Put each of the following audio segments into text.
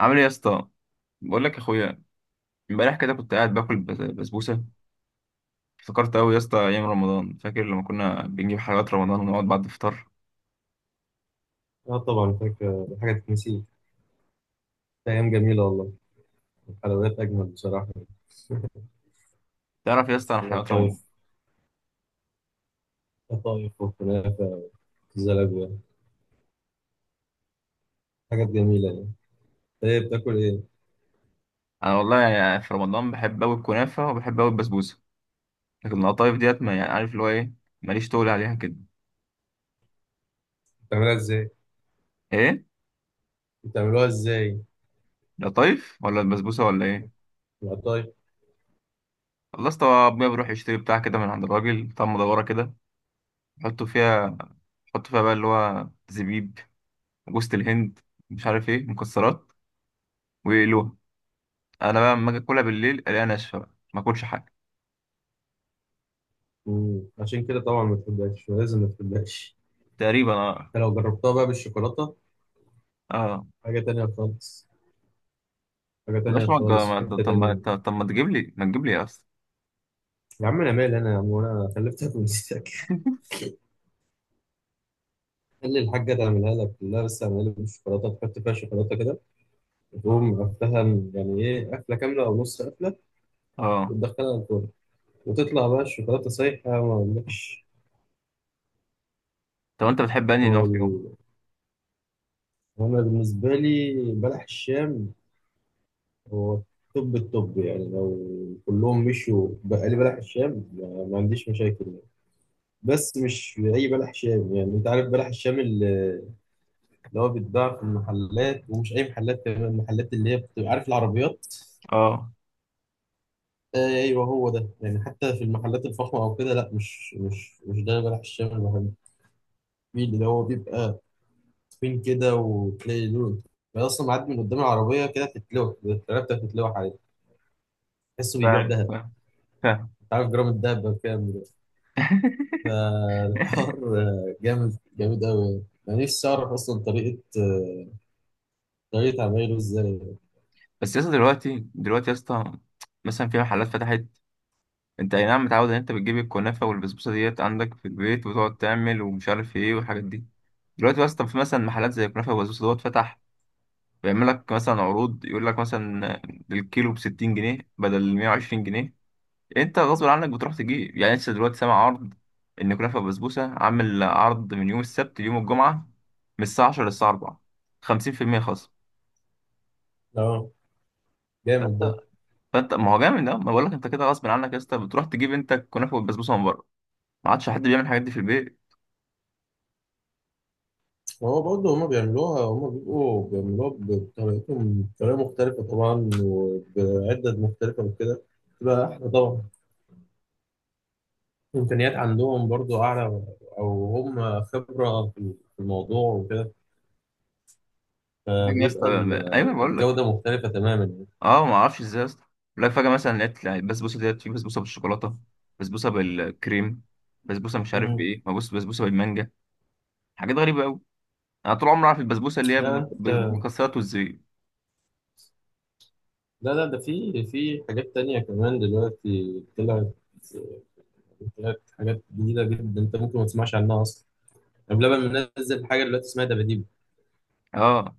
عامل ايه يا اسطى؟ بقول لك يا اخويا، امبارح كده كنت قاعد باكل بسبوسه. افتكرت قوي يا اسطى ايام رمضان، فاكر لما كنا بنجيب حلويات رمضان ونقعد بعد الفطار. اه، طبعا فاكر. دي حاجة تتنسي؟ أيام جميلة والله. الحلويات أجمل بصراحة. تعرف يا اسطى، انا حلويات رمضان. القطايف. القطايف والكنافة، والزلابية. حاجات جميلة يعني. إيه بتاكل إيه؟ انا والله يعني في رمضان بحب قوي الكنافه وبحب قوي البسبوسه، لكن القطايف ديت، ما يعني عارف اللي هو ايه، ماليش تقول عليها كده. بتعملها إزاي؟ ايه؟ بتعملوها إزاي؟ القطايف ولا البسبوسه ولا ايه؟ القطايف. خلصت ابويا بيروح يشتري بتاع كده من عند الراجل بتاع مدوره كده، يحطوا فيها يحطوا فيها بقى اللي هو زبيب، جوز الهند، مش عارف ايه، مكسرات، ويقلوها. انا بقى لما اجي اكلها بالليل الاقيها ناشفه بقى، ما اكلش حاجه. عشان كده طبعا ما تحبهاش، ولازم ما تحبهاش. تقريبا، اه. أنت لو جربتها بقى بالشوكولاتة، اه، حاجة تانية خالص. حاجة بلاش تانية ما تج- خالص، في ما- طب حتة طب ما تانية. طب ما تجيب لي اصلا. يا عم أنا مالي، أنا يا عم وأنا خلفتك ونسيتك. خلي الحاجة تعملها لك، لا بس اعملها لي بالشوكولاتة، تحط فيها شوكولاتة كده، تقوم قفلها. يعني ايه؟ قفله كامله او نص قفله، اه، وتدخلها الفرن، وتطلع بقى الشوكولاته سايحه ما اقولكش. طب انت بتحب انهي هو نوع ال- فيهم؟ انا بالنسبه لي بلح الشام هو توب التوب، يعني لو كلهم مشوا، بقى لي بلح الشام ما عنديش مشاكل يعني. بس مش اي بلح شام، يعني انت عارف بلح الشام اللي هو بيتباع في المحلات، ومش اي محلات كمان، المحلات اللي هي بتبقى عارف العربيات. اه، ايوه هو ده يعني، حتى في المحلات الفخمه او كده لا، مش ده بلح الشام اللي بحبه. في اللي هو بيبقى تخين كده، وتلاقي لون، أنا أصلا معدي من قدام العربية كده، تتلوح العربية بتتلوح عليه، تحسه بيبيع فاهم، دهب. فاهم، فاهم. أنت عارف جرام الدهب بكام دلوقتي؟ فالحوار جامد جامد أوي يعني. أنا نفسي أعرف أصلا طريقة، طريقة عمايله إزاي. بس يا اسطى دلوقتي يا اسطى، مثلا في محلات فتحت. انت اي نعم متعود ان انت بتجيب الكنافه والبسبوسه ديت عندك في البيت وتقعد تعمل ومش عارف ايه والحاجات دي. دلوقتي يا اسطى في مثلا محلات زي الكنافه والبسبوسه دوت فتح، بيعمل لك مثلا عروض، يقول لك مثلا الكيلو ب 60 جنيه بدل 120 جنيه. انت غصب عنك بتروح تجيب، يعني انت دلوقتي سامع عرض ان كنافه بسبوسه عامل عرض من يوم السبت ليوم الجمعه، من الساعه 10 للساعه 4، 50% خصم. أه، جامد فانت ده. فانت ما هو جامد ده، ما بقول لك انت كده غصب عنك يا اسطى، بتروح تجيب انت الكنافه والبسبوسه من بره. ما عادش حد بيعمل الحاجات دي في البيت. هو برضه هما بيعملوها، هما بيبقوا بيعملوها بطريقتهم، بطريقة مختلفة طبعا، وبعدد مختلفة وكده، تبقى أحلى طبعا. إمكانيات عندهم برضو أعلى، أو هم خبرة في الموضوع وكده، فجاه يا اسطى، فبيبقى ال- ايوه بقول لك. الجودة مختلفة تماما يعني. اه، ما اعرفش ازاي يا اسطى. بقول لك فجاه مثلا لقيت يعني البسبوسه ديت في بسبوسه بالشوكولاته، بسبوسه بالكريم، بسبوسه مش عارف أمم، بايه، ما بص، بسبوسه بالمانجا. حاجات غريبه قوي. انا طول عمري عارف البسبوسه اللي هي لا أنت، بالمكسرات والزبيب. لا لا، ده في حاجات تانية كمان دلوقتي طلعت. طلعت حاجات جديدة جدا، أنت ممكن ما تسمعش عنها أصلا. يعني بلبن منزل حاجة دلوقتي اسمها دباديبو. اه.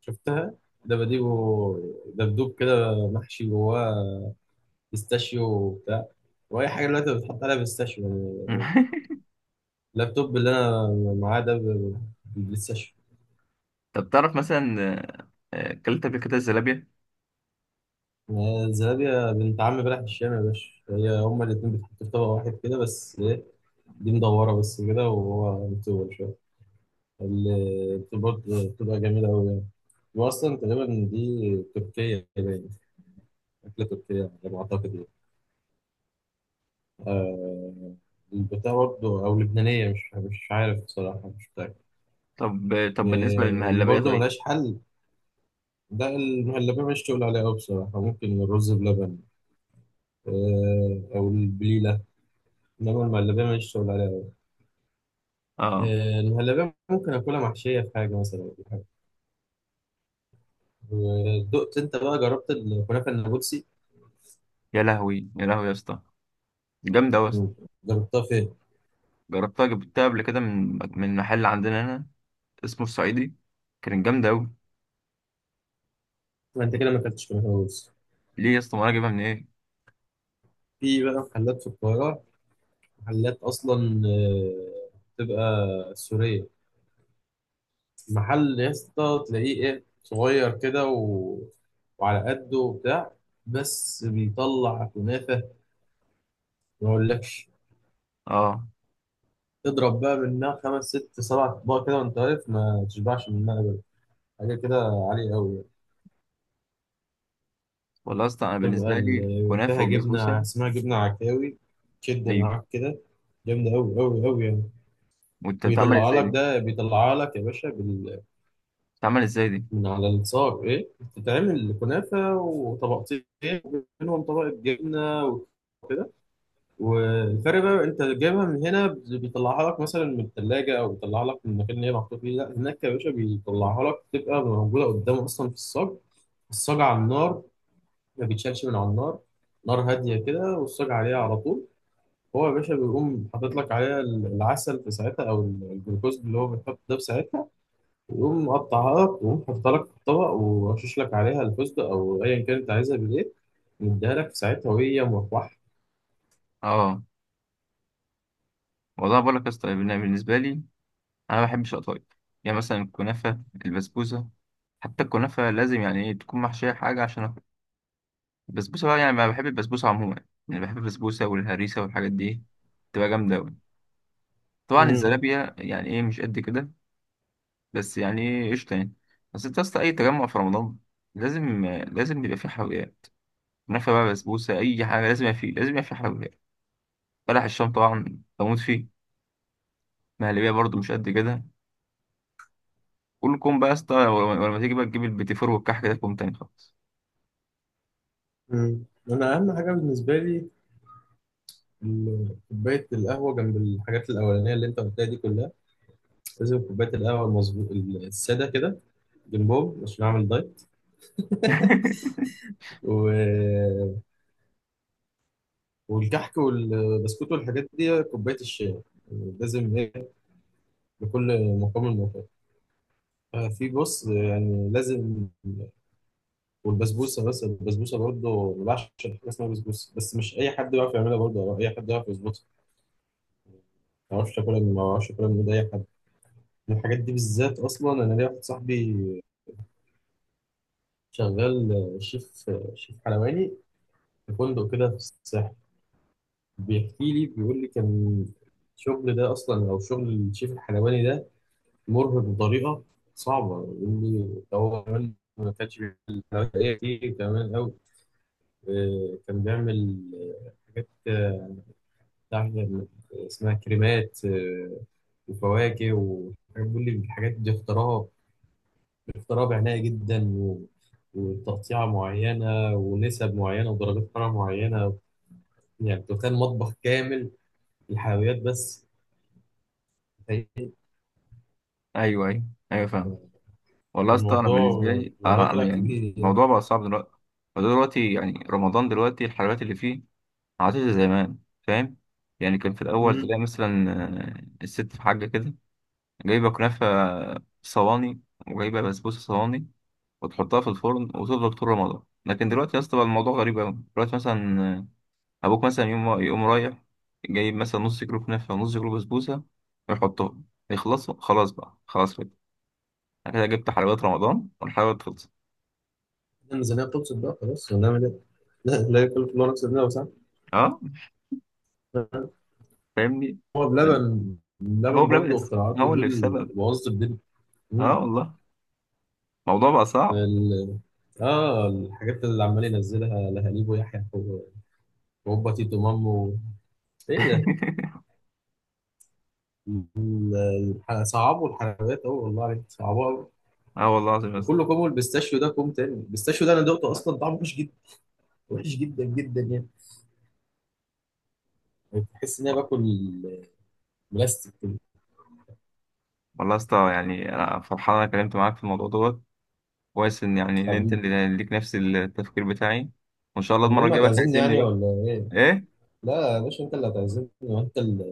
شفتها؟ دباديبو، دبدوب كده محشي جواه بيستاشيو وبتاع. وأي حاجة دلوقتي بتحط عليها بيستاشيو يعني. اللابتوب اللي انا معاه ده بالبلاي ستيشن. طب تعرف مثلا، اكلت قبل كده الزلابية. ما زلابيا بنت عم بلح الشام يا باشا، هي هما الاتنين بيتحطوا في طبق واحد كده، بس ايه، دي مدورة بس كده، وهو مطول شوية. اللي برضه بتبقى جميلة أوي يعني. وأصلا تقريبا دي تركية باين، أكلة تركية يعني على ما أعتقد يعني. آه، البتاع برضه أو لبنانية، مش عارف بصراحة، مش متأكد. طب طب بالنسبة آه، اللي للمهلبية؟ برضه طيب. ملهاش حل. ده المهلبية مش تقول عليها أوي بصراحة، ممكن الرز بلبن، او البليله، انما المهلبيه ماليش شغل عليها أوي. اه، المهلبيه ممكن اكلها محشيه في حاجه مثلا، أو حاجه. ودقت انت بقى جربت الكنافه النابلسي؟ يا لهوي، يا لهوي يا اسطى، جامدة أوي يا اسطى. مم. جربتها فين؟ جربتها، جبتها قبل كده من محل عندنا هنا اسمه الصعيدي، كانت جامدة أوي. ما انت كده ما اكلتش كنافه نابلسي. ليه يا اسطى؟ ما أنا جايبها من إيه. في بقى محلات في القاهره، محلات اصلا بتبقى سوريه. محل يا اسطى تلاقيه ايه صغير كده و... وعلى قده وبتاع، بس بيطلع كنافه ما اقولكش. اه، تضرب بقى منها خمس ست سبع اطباق كده وانت واقف، ما تشبعش منها ابدا. حاجه كده عاليه قوي يعني. والله يا اسطى أنا بالنسبة لي فيها كنافة جبنه وبسبوسة. اسمها جبنه عكاوي، تشد أيوة. معاك كده، جامده قوي قوي قوي يعني. وأنت بتعمل ويطلع إزاي لك دي؟ ده، بيطلع لك يا باشا بال... بتعمل إزاي دي؟ من على الصاج ايه، بتتعمل كنافه وطبقتين، وبينهم طبقه جبنه. والفرق بقى، انت جايبها من هنا بيطلعها لك مثلا من الثلاجه، او بيطلعها لك من المكان اللي هي محطوط فيه، لا هناك يا باشا بيطلعها لك تبقى موجوده قدامه اصلا في الصاج. الصاج على النار، ما بيتشالش من على النار، نار هاديه كده والصاج عليها على طول. هو يا باشا بيقوم حاطط لك عليها العسل في ساعتها، او الجلوكوز اللي هو بيتحط ده في ساعتها، ويقوم مقطعها لك، ويقوم حاططها لك في الطبق، ورشش لك عليها الفستق او ايا كان انت عايزها بالايه، مديها لك في ساعتها وهي اه، والله بقول لك يا اسطى بالنسبة لي، انا ما بحبش القطايف. يعني مثلا الكنافه، البسبوسه، حتى الكنافه لازم يعني ايه تكون محشيه حاجه عشان اكل. البسبوسه بقى، يعني ما بحب البسبوسه عموما، يعني بحب البسبوسه والهريسه والحاجات دي، تبقى جامده قوي. طبعا مروحه. الزلابيه يعني ايه مش قد كده، بس يعني ايه قشطه يعني. بس انت اصلا اي تجمع في رمضان لازم، لازم يبقى فيه حلويات. كنافه بقى، بسبوسه، اي حاجه لازم يبقى فيه، لازم يبقى فيه حلويات. بلح الشام طبعا بموت فيه. مهلبيه برضو مش قد كده. كلكم بقى يا اسطى، ولما تيجي بقى تجيب البيتي فور والكحك ده كوم تاني خالص. مم. انا اهم حاجه بالنسبه لي كوبايه القهوه، جنب الحاجات الاولانيه اللي انت قلتها دي كلها، لازم كوبايه القهوه المظبوط الساده كده جنبهم عشان اعمل دايت. و... والكحك والبسكوت والحاجات دي كوبايه الشاي لازم ايه، لكل مقام مقام. في بص يعني لازم. والبسبوسه، بس البسبوسه برضه ما بعشقش حاجه اسمها بسبوسه، بس مش اي حد بيعرف يعملها برضه، او اي حد يعرف يظبطها. ما اعرفش اكلها من ايد اي حد. الحاجات دي بالذات، اصلا انا ليا واحد صاحبي شغال شيف، شيف حلواني في فندق كده في الساحل. بيحكي لي بيقول لي كان الشغل ده اصلا، او شغل الشيف الحلواني ده، مرهق بطريقه صعبه. يقول لي ده هو كمان ما كانش بيعمل حلويات ايه كتير كمان قوي، كان بيعمل حاجات، بتاع- اسمها كريمات، وفواكه وحاجات. بيقول لي الحاجات دي اختراها اضطراب عناية جدا، و... وتقطيعة معينة، ونسب معينة، ودرجات حرارة معينة. يعني تخيل مطبخ كامل الحلويات بس، تخيل. ايوه، ايوه، ايوه، فاهم. والله يا اسطى انا الموضوع بالنسبه لي، الموضوع انا طلع يعني كبير يعني. الموضوع بقى صعب دلوقتي. فدلوقتي يعني رمضان دلوقتي، الحلويات اللي فيه ما عادش زي زمان. فاهم؟ يعني كان في الاول امم تلاقي مثلا الست في حاجه كده، جايبه كنافه صواني وجايبه بسبوسه صواني وتحطها في الفرن وتفضل طول رمضان. لكن دلوقتي يا اسطى بقى الموضوع غريب قوي. دلوقتي مثلا ابوك مثلا يقوم رايح جايب مثلا نص كيلو كنافه ونص كيلو بسبوسه ويحطهم، يخلصوا، خلاص بقى، خلاص. أنا كده جبت حلويات رمضان والحلويات خلصت. الميزانية بتبسط بقى خلاص، ونعمل ايه؟ لا لا، يكلف الله نفسا إلا وسعها. أه، فاهمني. هو بلبن، بل- هو بلبن بلبن، برضه اختراعاته هو دي اللي السبب. الموظف دي. مم. أه والله، الموضوع بقى صعب. ال... اه الحاجات اللي عمال ينزلها لهاليب ويحيى وهوبا تيتو مامو، ايه ده؟ صعبوا الحلويات أوي، والله عليك صعبوها أوي. أه والله العظيم يا اسطى. وكل كوم، البيستاشيو ده كوم تاني. البيستاشيو ده أنا دقته أصلا طعمه وحش جدا، وحش جدا جدا يعني، تحس إن أنا واه. باكل بلاستيك كده. والله يا اسطى يعني أنا فرحان أنا اتكلمت معاك في الموضوع دوت. كويس إن يعني إن أنت حبيبي، اللي ليك نفس التفكير بتاعي. وإن شاء الله المرة المهم الجاية بقى هتعزمني تعزمني يعني بقى. ولا إيه؟ إيه؟ لا يا باشا أنت اللي هتعزمني، وأنت اللي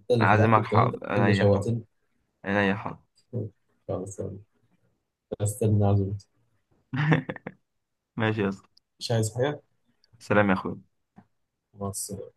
أنت اللي فتحت أعزمك، الكلام، أنت حاضر أنا، اللي يا حاضر شوهتني. أنا، يا حاضر. خلاص يلا. استنى عزمت. ماشي يا اسطى، مش عايز حاجة؟ سلام يا أخوي. مع السلامة.